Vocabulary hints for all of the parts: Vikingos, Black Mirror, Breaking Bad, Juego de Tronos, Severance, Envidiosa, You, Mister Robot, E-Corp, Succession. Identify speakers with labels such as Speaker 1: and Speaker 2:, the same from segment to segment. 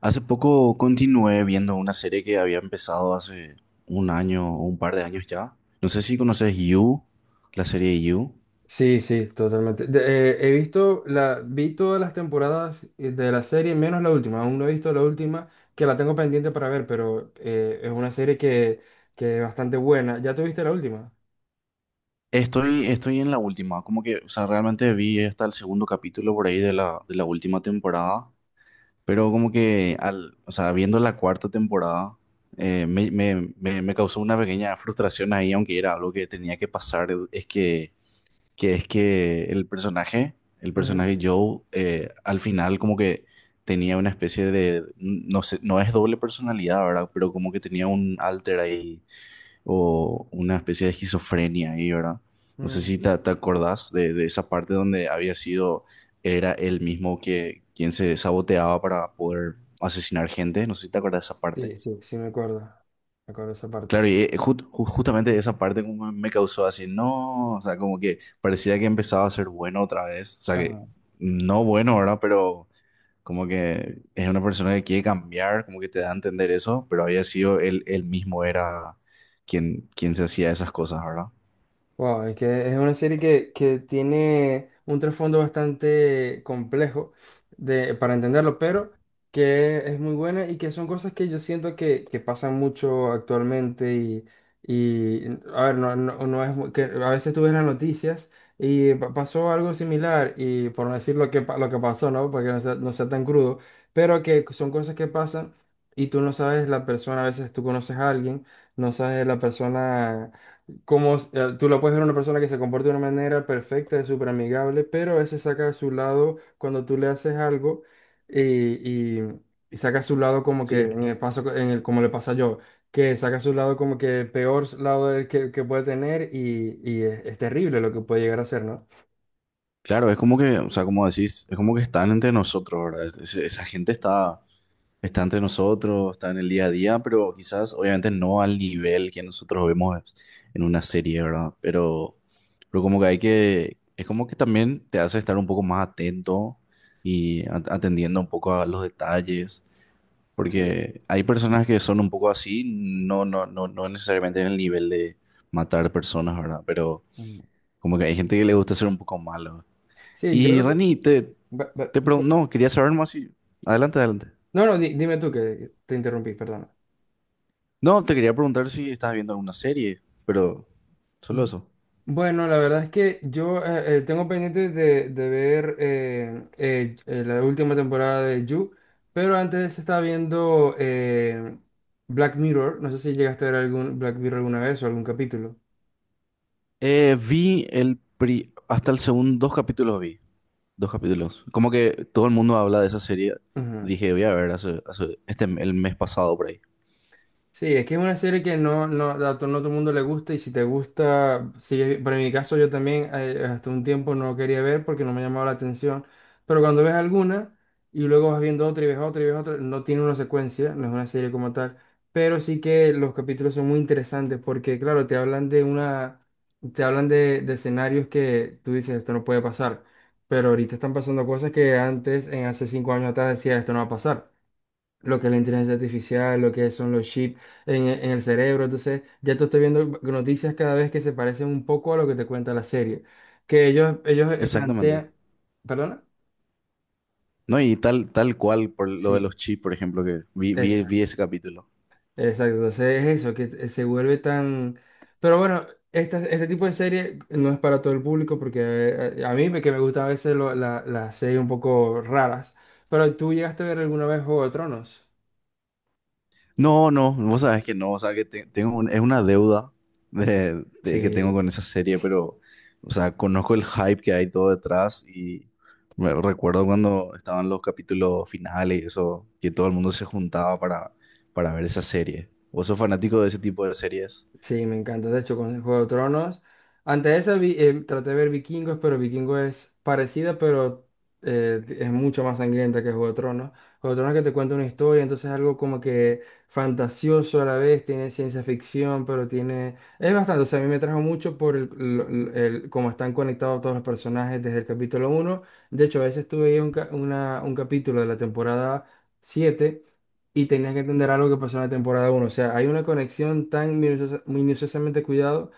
Speaker 1: Hace poco continué viendo una serie que había empezado hace un año o un par de años ya. No sé si conoces You, la serie You.
Speaker 2: Sí, sí, totalmente. He visto vi todas las temporadas de la serie, menos la última. Aún no he visto la última, que la tengo pendiente para ver, pero es una serie que es bastante buena. ¿Ya tuviste la última?
Speaker 1: Estoy en la última, como que, o sea, realmente vi hasta el segundo capítulo por ahí de la última temporada, pero como que, al, o sea, viendo la cuarta temporada, me causó una pequeña frustración ahí, aunque era algo que tenía que pasar, es que es que el
Speaker 2: Ujú.
Speaker 1: personaje Joe, al final como que tenía una especie de, no sé, no es doble personalidad, ¿verdad? Pero como que tenía un alter ahí o una especie de esquizofrenia ahí, ¿verdad? No sé
Speaker 2: Mm.
Speaker 1: si te acordás de esa parte donde había sido, era él mismo que quien se saboteaba para poder asesinar gente, no sé si te acordás de esa parte.
Speaker 2: Sí, sí. Sí, sí, me acuerdo. Me acuerdo esa parte.
Speaker 1: Claro, y justamente esa parte como me causó así, no, o sea, como que parecía que empezaba a ser bueno otra vez, o sea, que no bueno, ¿verdad? Pero como que es una persona que quiere cambiar, como que te da a entender eso, pero había sido él, él mismo era quien se hacía esas cosas, ¿verdad?
Speaker 2: Wow, es que es una serie que tiene un trasfondo bastante complejo de, para entenderlo, pero que es muy buena y que son cosas que yo siento que pasan mucho actualmente y a ver, no es muy- que a veces tú ves las noticias y pasó algo similar y por no decir lo que, lo que pasó, ¿no? Porque no sea, no sea tan crudo, pero que son cosas que pasan y tú no sabes la persona, a veces tú conoces a alguien, no sabes la persona como tú lo puedes ver a una persona que se comporta de una manera perfecta, es súper amigable, pero a veces saca a su lado cuando tú le haces algo y, y- y saca a su lado como que,
Speaker 1: Sí.
Speaker 2: en el paso, en el, como le pasa yo, que saca a su lado como que el peor lado del que puede tener y, es terrible lo que puede llegar a ser, ¿no?
Speaker 1: Claro, es como que, o sea, como decís, es como que están entre nosotros, ¿verdad? Esa gente está entre nosotros, está en el día a día, pero quizás obviamente no al nivel que nosotros vemos en una serie, ¿verdad? Pero como que hay que, es como que también te hace estar un poco más atento y atendiendo un poco a los detalles,
Speaker 2: Sí, sí.
Speaker 1: porque hay personas que son un poco así, no, no, no, no necesariamente en el nivel de matar personas, ¿verdad? Pero
Speaker 2: Mm.
Speaker 1: como que hay gente que le gusta ser un poco malo.
Speaker 2: Sí, yo
Speaker 1: Y
Speaker 2: creo que...
Speaker 1: Reni, te, te pregunto,
Speaker 2: disculpa.
Speaker 1: no, quería saber más y... Adelante, adelante.
Speaker 2: No, no, dime tú que te interrumpí, perdona.
Speaker 1: No, te quería preguntar si estás viendo alguna serie, pero solo eso.
Speaker 2: Bueno, la verdad es que yo tengo pendiente de ver la última temporada de You, pero antes estaba viendo Black Mirror. No sé si llegaste a ver algún Black Mirror alguna vez o algún capítulo.
Speaker 1: Vi hasta el segundo, dos capítulos vi, dos capítulos. Como que todo el mundo habla de esa serie.
Speaker 2: Ujú.
Speaker 1: Dije, voy a ver el mes pasado por ahí.
Speaker 2: Sí, es que es una serie que no, a no todo el mundo le gusta y si te gusta, sigue, pero en mi caso yo también hasta un tiempo no quería ver porque no me llamaba la atención, pero cuando ves alguna y luego vas viendo otra y ves otra y ves otra, no tiene una secuencia, no es una serie como tal, pero sí que los capítulos son muy interesantes porque claro, te hablan de una, te hablan de escenarios que tú dices esto no puede pasar, pero ahorita están pasando cosas que antes, en hace cinco años atrás decía esto no va a pasar lo que es la inteligencia artificial, lo que son los chips en, en el cerebro. Entonces, ya te estoy viendo noticias cada vez que se parecen un poco a lo que te cuenta la serie. Que ellos
Speaker 1: Exactamente.
Speaker 2: plantean, ¿perdona?
Speaker 1: No, y tal, tal cual por lo de los
Speaker 2: Sí,
Speaker 1: chips, por ejemplo, que vi, vi,
Speaker 2: exacto,
Speaker 1: vi ese capítulo.
Speaker 2: exacto. Entonces es eso, que se vuelve tan... Pero bueno, este tipo de serie no es para todo el público porque a mí que me gustan a veces las series un poco raras. Pero tú llegaste a ver alguna vez Juego de Tronos.
Speaker 1: No, no, vos sabés que no, o sea, que es una deuda de que tengo
Speaker 2: Sí.
Speaker 1: con esa serie, pero, o sea, conozco el hype que hay todo detrás y recuerdo cuando estaban los capítulos finales y eso, que todo el mundo se juntaba para ver esa serie. ¿Vos sos fanático de ese tipo de series?
Speaker 2: Sí, me encanta. De hecho, con Juego de Tronos. Antes de esa traté de ver Vikingos, pero Vikingos es parecida, pero es mucho más sangrienta que Juego de Tronos. Juego de Tronos que te cuenta una historia, entonces es algo como que fantasioso a la vez, tiene ciencia ficción, pero tiene... Es bastante, o sea, a mí me trajo mucho por el, cómo están conectados todos los personajes desde el capítulo uno. De hecho, a veces tuve un capítulo de la temporada 7 y tenías que entender algo que pasó en la temporada uno. O sea, hay una conexión tan minuciosamente cuidado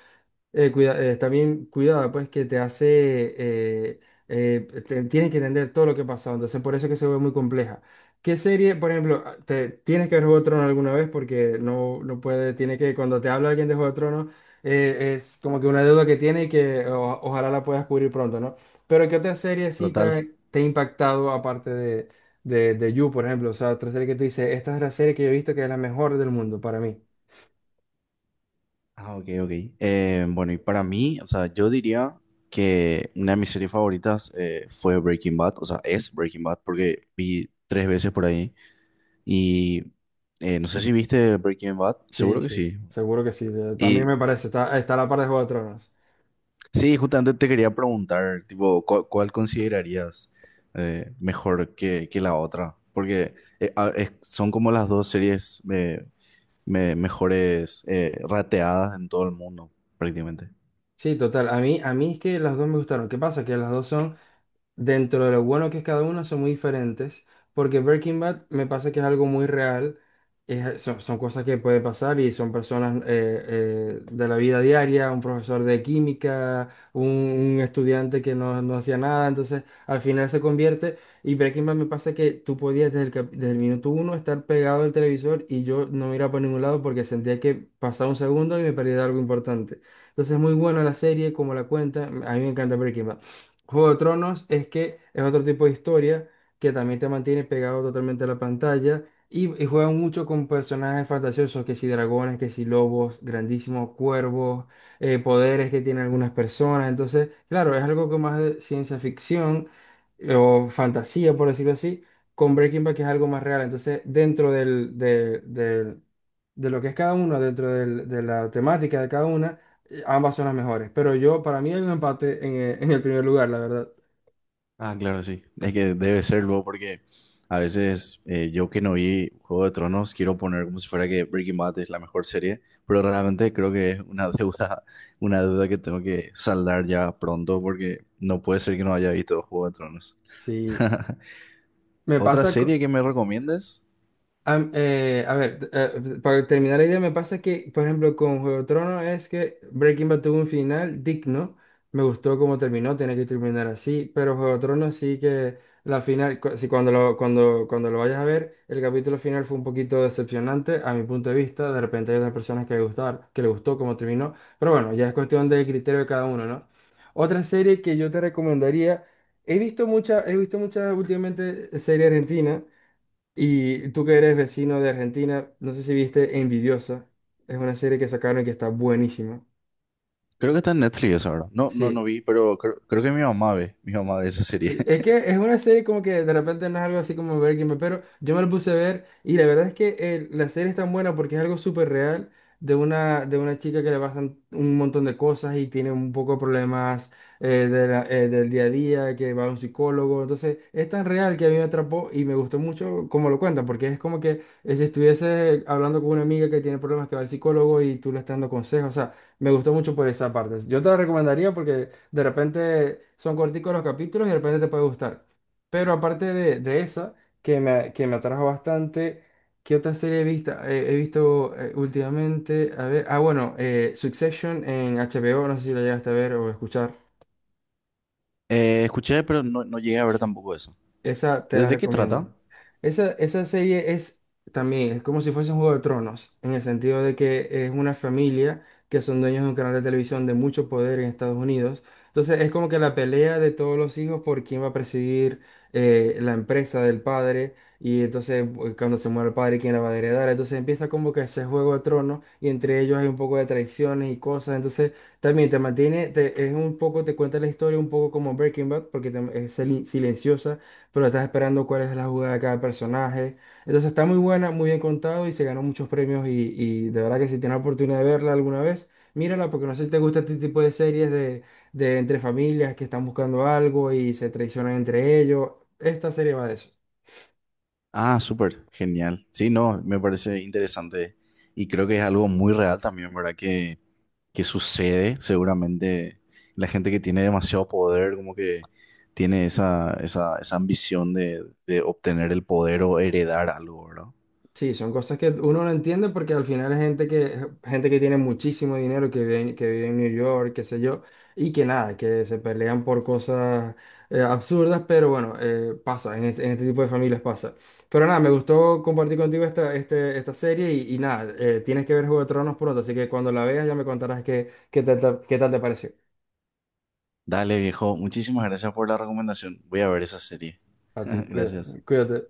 Speaker 2: también cuidada, pues que te hace, eh, tienes que entender todo lo que ha pasado, entonces por eso es que se ve muy compleja. ¿Qué serie, por ejemplo, ah, te, tienes que ver Juego de Tronos alguna vez? Porque no, no puede, tiene que, cuando te habla alguien de Juego de Tronos, es como que una deuda que tiene y que ojalá la puedas cubrir pronto, ¿no? Pero ¿qué otra serie sí
Speaker 1: Total.
Speaker 2: te ha impactado aparte de, de You, por ejemplo? O sea, otra serie que tú dices, esta es la serie que yo he visto que es la mejor del mundo para mí.
Speaker 1: Ah, ok, ok. Bueno, y para mí, o sea, yo diría que una de mis series favoritas fue Breaking Bad, o sea, es Breaking Bad porque vi tres veces por ahí. Y no sé si viste Breaking Bad,
Speaker 2: Sí,
Speaker 1: seguro que
Speaker 2: sí,
Speaker 1: sí.
Speaker 2: seguro que sí. de- También
Speaker 1: Y
Speaker 2: me parece, está, está a la par de Juego de Tronos.
Speaker 1: sí, justamente te quería preguntar, tipo, ¿cuál considerarías mejor que la otra? Porque son como las dos series mejores rateadas en todo el mundo, prácticamente.
Speaker 2: Sí, total. A mí es que las dos me gustaron. ¿Qué pasa? Que las dos son dentro de lo bueno que es cada una, son muy diferentes, porque Breaking Bad me pasa que es algo muy real, son cosas que pueden pasar y son personas de la vida diaria, un profesor de química, un estudiante que no, no hacía nada, entonces al final se convierte, y Breaking Bad me pasa que tú podías desde desde el minuto uno estar pegado al televisor y yo no me iba por ningún lado porque sentía que pasaba un segundo y me perdía algo importante. Entonces es muy buena la serie, como la cuenta, a mí me encanta Breaking Bad. Juego de Tronos es que es otro tipo de historia que también te mantiene pegado totalmente a la pantalla y juegan mucho con personajes fantasiosos, que si dragones, que si lobos, grandísimos cuervos, poderes que tienen algunas personas. Entonces, claro, es algo que más de ciencia ficción o fantasía, por decirlo así, con Breaking Bad que es algo más real. Entonces, dentro de lo que es cada uno, dentro de la temática de cada una ambas son las mejores, pero yo, para mí hay un empate en el primer lugar, la verdad.
Speaker 1: Ah, claro, sí. Es que debe serlo porque a veces yo que no vi Juego de Tronos quiero poner como si fuera que Breaking Bad es la mejor serie, pero realmente creo que es una deuda, una deuda que tengo que saldar ya pronto porque no puede ser que no haya visto Juego de Tronos.
Speaker 2: Sí, me
Speaker 1: ¿Otra
Speaker 2: pasa,
Speaker 1: serie que me recomiendes?
Speaker 2: A ver, para terminar la idea, me pasa que, por ejemplo, con Juego de Tronos es que Breaking Bad tuvo un final digno. Me gustó cómo terminó, tenía que terminar así, pero Juego de Tronos sí que la final, cu- si cuando lo, cuando lo vayas a ver, el capítulo final fue un poquito decepcionante a mi punto de vista. De repente hay otras personas que le gustaron, que le gustó cómo terminó, pero bueno, ya es cuestión de criterio de cada uno, ¿no? Otra serie que yo te recomendaría, he visto mucha, he visto muchas últimamente serie argentina. Y tú que eres vecino de Argentina, no sé si viste Envidiosa. Es una serie que sacaron que está buenísima.
Speaker 1: Creo que está en Netflix eso ahora. No, no, no
Speaker 2: Sí.
Speaker 1: vi, pero creo que mi mamá ve. Mi mamá ve esa serie.
Speaker 2: Sí, es que es una serie como que de repente no es algo así como Breaking Bad, pero yo me lo puse a ver y la verdad es que la serie es tan buena porque es algo súper real de una chica que le pasan un montón de cosas y tiene un poco de problemas del día a día, que va a un psicólogo. Entonces es tan real que a mí me atrapó y me gustó mucho cómo lo cuentan, porque es como que si estuviese hablando con una amiga que tiene problemas que va al psicólogo y tú le estás dando consejos. O sea, me gustó mucho por esa parte. Yo te la recomendaría porque de repente son corticos los capítulos y de repente te puede gustar. Pero aparte de esa, que me atrajo bastante, ¿qué otra serie he visto últimamente? A ver, ah, bueno, Succession en HBO, no sé si la llegaste a ver o escuchar.
Speaker 1: Escuché, pero no, no llegué a ver tampoco eso.
Speaker 2: Esa te la
Speaker 1: De qué trata?
Speaker 2: recomiendo. Esa serie es también, es como si fuese un Juego de Tronos, en el sentido de que es una familia que son dueños de un canal de televisión de mucho poder en Estados Unidos. Entonces es como que la pelea de todos los hijos por quién va a presidir la empresa del padre y entonces cuando se muere el padre, quién la va a heredar. Entonces empieza como que ese Juego de Tronos y entre ellos hay un poco de traiciones y cosas. Entonces también te mantiene, es un poco, te cuenta la historia un poco como Breaking Bad porque es silenciosa pero estás esperando cuál es la jugada de cada personaje. Entonces está muy buena, muy bien contado y se ganó muchos premios y de verdad que si tienes la oportunidad de verla alguna vez, mírala porque no sé si te gusta este tipo de series de entre familias que están buscando algo y se traicionan entre ellos. Esta serie va de eso.
Speaker 1: Ah, súper, genial. Sí, no, me parece interesante y creo que es algo muy real también, ¿verdad? Que sucede seguramente la gente que tiene demasiado poder, como que tiene esa, esa, esa ambición de obtener el poder o heredar algo, ¿verdad?
Speaker 2: Sí, son cosas que uno no entiende porque al final es gente que tiene muchísimo dinero, que vive, que vive en New York, qué sé yo, y que nada, que se pelean por cosas absurdas, pero bueno, pasa, en este tipo de familias pasa. Pero nada, me gustó compartir contigo esta serie y nada, tienes que ver Juego de Tronos pronto, así que cuando la veas ya me contarás qué, qué tal, qué tal te pareció.
Speaker 1: Dale, viejo, muchísimas gracias por la recomendación. Voy a ver esa serie.
Speaker 2: A ti,
Speaker 1: Gracias.
Speaker 2: cuídate.